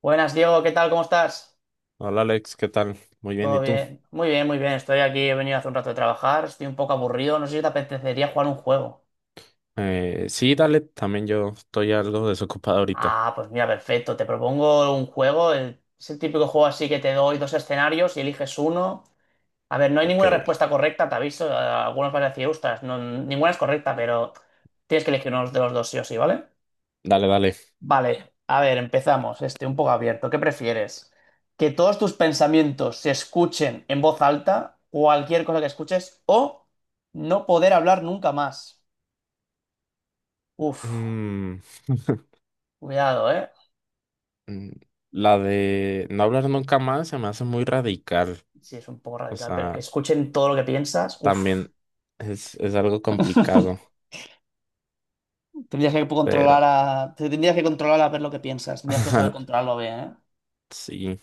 Buenas, Diego, ¿qué tal? ¿Cómo estás? Hola Alex, ¿qué tal? Muy bien, Todo ¿y tú? bien. Muy bien, muy bien. Estoy aquí, he venido hace un rato de trabajar, estoy un poco aburrido, no sé si te apetecería jugar un juego. Sí, dale, también yo estoy algo desocupado ahorita. Ah, pues mira, perfecto. Te propongo un juego, es el típico juego así que te doy dos escenarios y eliges uno. A ver, no hay Ok, ninguna respuesta correcta, te aviso. Algunos van a decir, ostras, no, ninguna es correcta, pero tienes que elegir uno de los dos sí o sí, ¿vale? dale, dale. Vale, a ver, empezamos. Este un poco abierto. ¿Qué prefieres? ¿Que todos tus pensamientos se escuchen en voz alta, cualquier cosa que escuches, o no poder hablar nunca más? Uf, Mm, cuidado, ¿eh? mm, la de no hablar nunca más se me hace muy radical. Sí, es un poco O radical, pero que sea, escuchen todo lo que piensas, uf. también es algo complicado, pero Tendrías que controlar a ver lo que piensas. Tendrías que saber controlarlo bien, ¿eh? sí.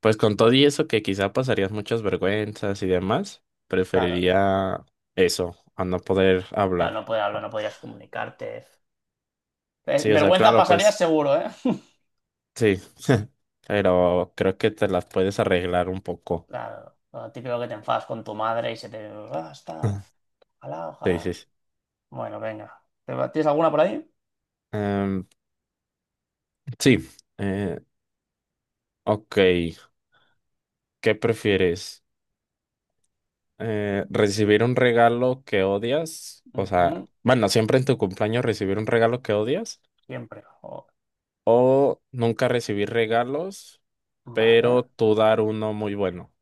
Pues con todo y eso que quizá pasarías muchas vergüenzas y demás, Claro, preferiría eso, a no poder claro, hablar. no poder ¿No? hablar, no podrías comunicarte. Sí, o sea, Vergüenza claro, pasarías pues. seguro, ¿eh? Sí, pero creo que te las puedes arreglar un poco. Claro, lo típico que te enfadas con tu madre y se te... Ah, está. Ojalá, Sí, sí, ojalá. sí. Bueno, venga. ¿Te ¿Tienes alguna por ahí? Em, sí, eh, ok. ¿Qué prefieres? ¿Recibir un regalo que odias? O sea, Ujú. bueno, siempre en tu cumpleaños recibir un regalo que odias Siempre. Jo, o nunca recibir regalos, pero vale. tú dar uno muy bueno.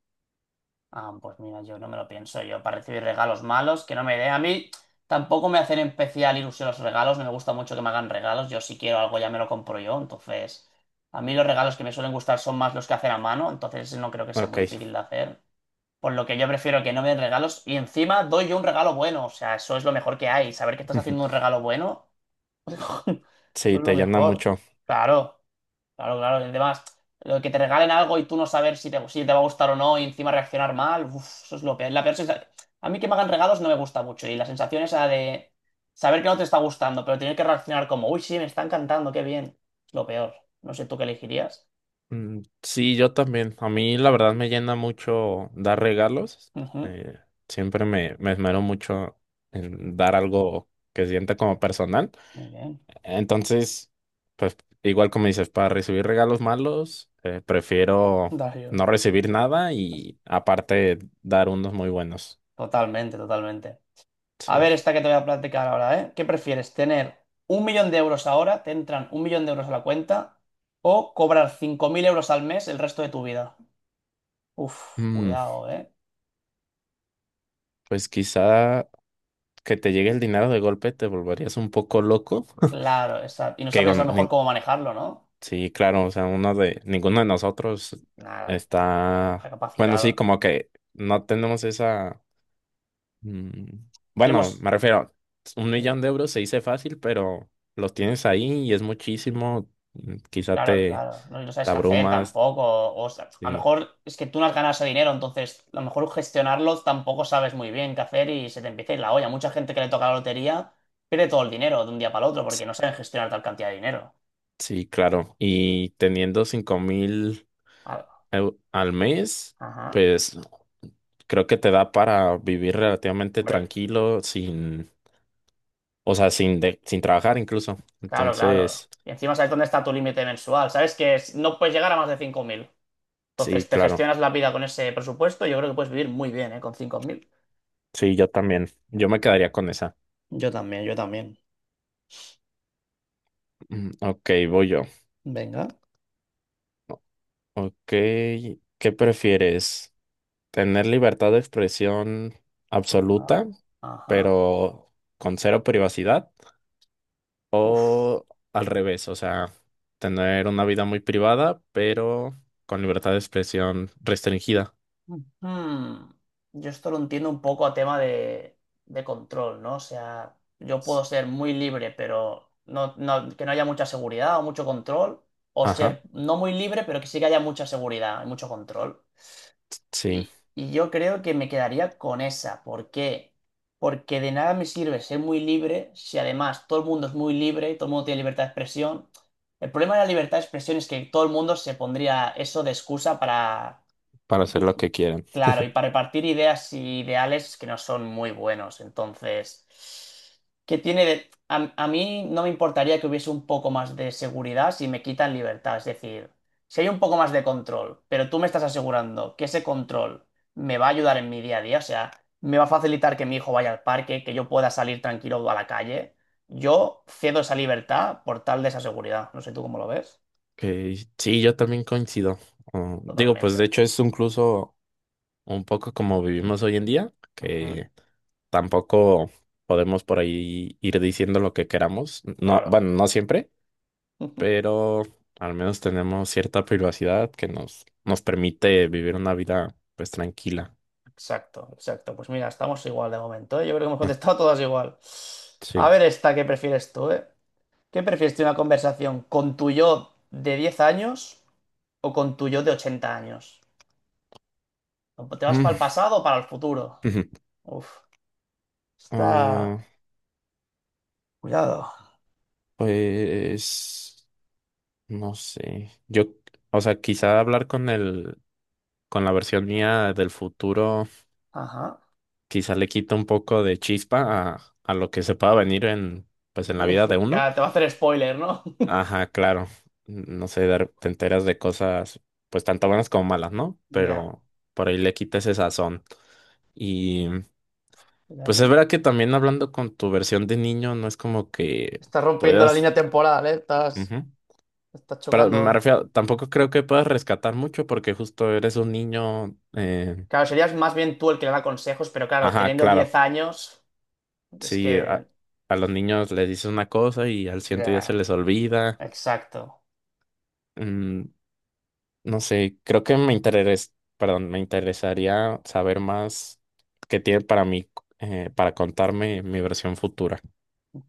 Ah, pues mira, yo no me lo pienso. Yo para recibir regalos malos, que no me dé. A mí tampoco me hacen especial ilusión los regalos. No me gusta mucho que me hagan regalos. Yo si quiero algo ya me lo compro yo. Entonces, a mí los regalos que me suelen gustar son más los que hacer a mano. Entonces no creo que sea Ok, muy difícil de hacer. Por lo que yo prefiero que no me den regalos y encima doy yo un regalo bueno. O sea, eso es lo mejor que hay. Saber que estás haciendo un regalo bueno, eso es sí, lo te llena mejor. mucho. Claro, claro, claro. Y además, lo que te regalen algo y tú no saber si te va a gustar o no y encima reaccionar mal, uf, eso es lo peor. A mí que me hagan regalos no me gusta mucho y la sensación esa de saber que no te está gustando, pero tener que reaccionar como, uy, sí, me está encantando, qué bien. Es lo peor. No sé tú qué elegirías. Sí, yo también. A mí la verdad me llena mucho dar regalos. Ujú. Eh, Siempre me esmero mucho en dar algo que sienta como personal. Muy bien. Entonces, pues igual como dices, para recibir regalos malos, prefiero no Darío. recibir nada y aparte dar unos muy buenos. Totalmente, totalmente. A Sí. ver, esta que te voy a platicar ahora, ¿eh? ¿Qué prefieres? ¿Tener 1 millón de euros ahora, te entran 1 millón de euros a la cuenta, o cobrar 5.000 euros al mes el resto de tu vida? Uf, Mm, cuidado, ¿eh? pues quizá que te llegue el dinero de golpe te volverías un poco loco. Claro, y no Que digo, sabrías a lo mejor nin- cómo manejarlo, ¿no? Sí, claro, o sea, ninguno de nosotros Nada, está está, bueno, sí, capacitado. como que no tenemos mm, bueno, Tenemos. me refiero, un millón de euros se dice fácil, pero los tienes ahí y es muchísimo, mm, quizá Claro, te, claro. No, y no sabes te qué hacer abrumas, tampoco. O sea, a lo sí, mejor es que tú no has ganado ese dinero, entonces a lo mejor gestionarlo tampoco sabes muy bien qué hacer y se te empieza a ir la olla. Mucha gente que le toca la lotería pierde todo el dinero de un día para el otro porque no saben gestionar tal cantidad de dinero. sí, claro, y teniendo cinco mil Ah. Al mes, Ajá, pues creo que te da para vivir relativamente hombre. tranquilo, sin, o sea, sin trabajar incluso, Claro, claro. entonces... Y encima sabes dónde está tu límite mensual. Sabes que no puedes llegar a más de 5.000. Sí, Entonces te claro. gestionas la vida con ese presupuesto. Yo creo que puedes vivir muy bien, ¿eh? Con 5.000. Sí, yo también. Yo me quedaría con esa. Yo también, yo también. Ok, voy yo. Venga. Ok, ¿qué prefieres? ¿Tener libertad de expresión Ajá, absoluta, ajá. pero con cero privacidad? Uf. ¿O al revés? O sea, tener una vida muy privada, pero con libertad de expresión restringida. Hmm, Yo esto lo entiendo un poco a tema de control, ¿no? O sea, yo puedo ser muy libre, pero no, que no haya mucha seguridad o mucho control, o Ajá, ser no muy libre, pero que sí que haya mucha seguridad y mucho control. sí, Y yo creo que me quedaría con esa. ¿Por qué? Porque de nada me sirve ser muy libre si además todo el mundo es muy libre, todo el mundo tiene libertad de expresión. El problema de la libertad de expresión es que todo el mundo se pondría eso de excusa para para hacer yo- lo que quieran. claro, y para repartir ideas y ideales que no son muy buenos. Entonces, ¿qué tiene de...? A mí no me importaría que hubiese un poco más de seguridad si me quitan libertad. Es decir, si hay un poco más de control, pero tú me estás asegurando que ese control me va a ayudar en mi día a día, o sea, me va a facilitar que mi hijo vaya al parque, que yo pueda salir tranquilo a la calle, yo cedo esa libertad por tal de esa seguridad. No sé tú cómo lo ves. Ok, sí, yo también coincido. Oh, digo, pues de Totalmente. hecho es incluso un poco como vivimos hoy en día, Ujú, que tampoco podemos por ahí ir diciendo lo que queramos. No, claro. bueno, no siempre, pero al menos tenemos cierta privacidad que nos permite vivir una vida pues tranquila. Exacto, exacto. Pues mira, estamos igual de momento, ¿eh? Yo creo que hemos Ah, contestado todas igual. sí. A ver esta, ¿qué prefieres tú, eh? ¿Qué prefieres tener una conversación con tu yo de 10 años o con tu yo de 80 años? ¿Te vas para Mm, el pasado o para el futuro? Ujú. Uf, está... Ah, Cuidado. pues no sé. Yo, o sea, quizá hablar con con la versión mía del futuro. Ajá. Quizá le quita un poco de chispa a lo que se pueda venir en, pues, en la vida de uno. Ya, te va a hacer spoiler, ¿no? Ajá, claro. No sé, te enteras de cosas, pues, tanto buenas como malas, ¿no? Ya. Pero por ahí le quita ese sazón. Y, cuidado pues, es con- verdad que también hablando con tu versión de niño, no es como que Estás rompiendo la puedas... línea temporal, ¿eh? Estás, Ujú. estás Pero me chocando. refiero, tampoco creo que puedas rescatar mucho porque justo eres un niño... Claro, serías más bien tú el que le da consejos, pero claro, Ajá, teniendo claro. 10 años, es Sí, que... a los niños les dices una cosa y al siguiente día se Ya. les olvida. Exacto, Mm, no sé, creo que perdón, me interesaría saber más qué tiene para mí, para contarme mi versión futura.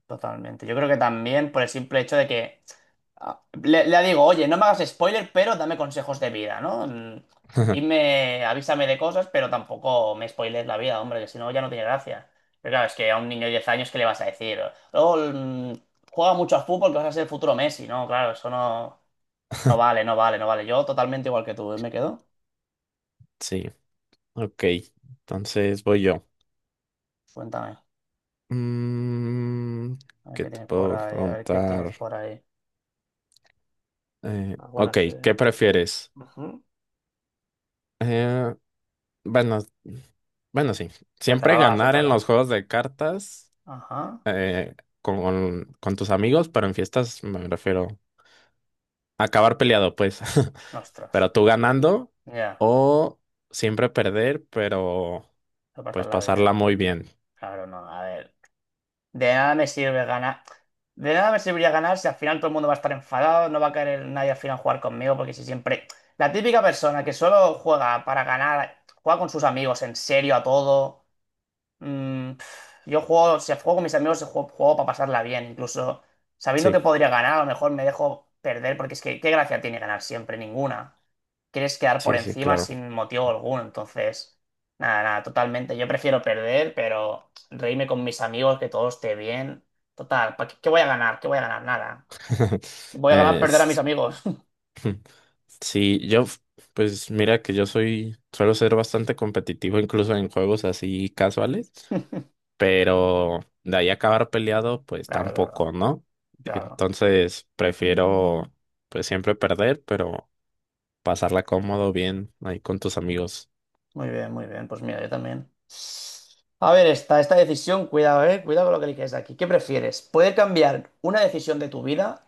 totalmente. Yo creo que también por el simple hecho de que le digo, oye, no me hagas spoiler, pero dame consejos de vida, ¿no? Dime, avísame de cosas, pero tampoco me spoiles la vida, hombre, que si no ya no tiene gracia. Pero claro, es que a un niño de 10 años, ¿qué le vas a decir? Luego, juega mucho al fútbol, que vas a ser el futuro Messi, ¿no? Claro, eso no, no vale, no vale, no vale. Yo totalmente igual que tú, ¿eh? ¿Me quedo? Sí, ok. Entonces voy yo. Cuéntame, Mm, a ver ¿Qué qué te tienes por puedo ahí, a ver qué tienes preguntar? por ahí. Ok, Algunas, ¿qué prefieres? Ujú. Eh, bueno, bueno, sí. Siempre Suéltala, va, ganar en suéltala. los juegos de cartas Ajá. eh, con tus amigos, pero en fiestas me refiero. Acabar peleado, pues. Ostras, Pero tú ganando ya, o siempre perder, pero no pasar pues la vida, pasarla ¿eh? muy bien. Claro, no, a ver. De nada me sirve ganar. De nada me serviría ganar si al final todo el mundo va a estar enfadado, no va a querer nadie al final jugar conmigo, porque si siempre. La típica persona que solo juega para ganar, juega con sus amigos en serio a todo. Pf, yo juego, si juego con mis amigos, juego, juego para pasarla bien, incluso sabiendo Sí, que podría ganar, a lo mejor me dejo perder, porque es que, ¿qué gracia tiene ganar siempre? Ninguna. Quieres quedar por sí, sí, encima claro. sin motivo alguno, entonces, nada, nada, totalmente. Yo prefiero perder, pero reírme con mis amigos, que todo esté bien. Total, ¿pa qué, qué voy a ganar? ¿Qué voy a ganar? Nada. Voy a ganar Eh, perder a mis s- amigos. sí, pues mira que yo soy, suelo ser bastante competitivo incluso en juegos así casuales, pero de ahí acabar peleado, pues Claro, claro, tampoco, ¿no? claro. Entonces prefiero pues siempre perder, pero pasarla cómodo, bien ahí con tus amigos. Muy bien, muy bien. Pues mira, yo también. A ver, esta decisión, cuidado, eh. Cuidado con lo que eliges aquí. ¿Qué prefieres? ¿Poder cambiar una decisión de tu vida?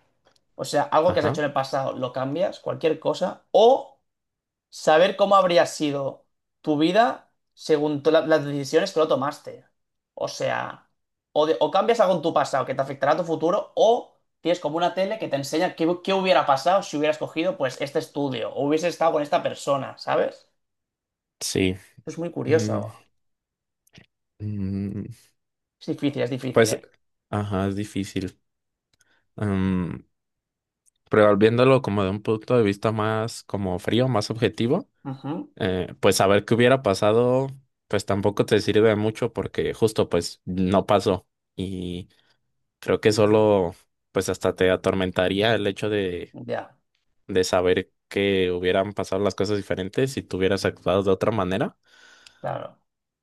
O sea, algo que has hecho Ajá. en el pasado, lo cambias, cualquier cosa. O saber cómo habría sido tu vida según las decisiones que lo tomaste. O sea, o cambias algo en tu pasado que te afectará a tu futuro, o tienes como una tele que te enseña qué, qué hubiera pasado si hubieras cogido pues este estudio o hubieses estado con esta persona, ¿sabes? Sí. Es muy Mm, curioso. mm, Es difícil, pues, ¿eh? ajá, es difícil. Am, pero viéndolo como de un punto de vista más como frío, más objetivo, Ujú. Pues saber qué hubiera pasado, pues tampoco te sirve mucho porque justo pues no pasó. Y creo que solo pues hasta te atormentaría el hecho Ya, de saber que hubieran pasado las cosas diferentes si tú hubieras actuado de otra manera. claro.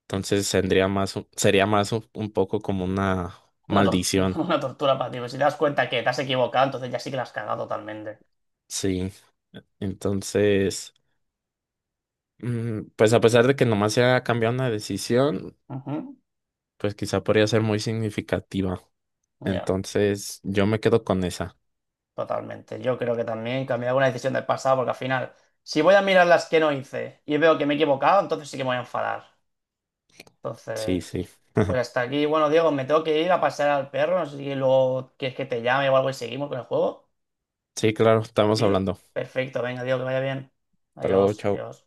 Entonces tendría más, sería más un poco como una Una, tor- maldición. una tortura para ti. Pero si te das cuenta que te has equivocado, entonces ya sí que la has cagado totalmente. Sí. Entonces, pues a pesar de que nomás se haya cambiado una decisión, Ujú. pues quizá podría ser muy significativa. Ya, Entonces, yo me quedo con esa. totalmente. Yo creo que también cambiar alguna decisión del pasado, porque al final, si voy a mirar las que no hice y veo que me he equivocado, entonces sí que me voy a enfadar. Sí, Entonces, sí. pues hasta aquí. Bueno, Diego, me tengo que ir a pasear al perro. No sé si luego quieres que te llame o algo y seguimos con el juego. Sí, claro, estamos Sí, hablando. perfecto. Venga, Diego, que vaya bien. Hasta luego, Adiós, chao. adiós.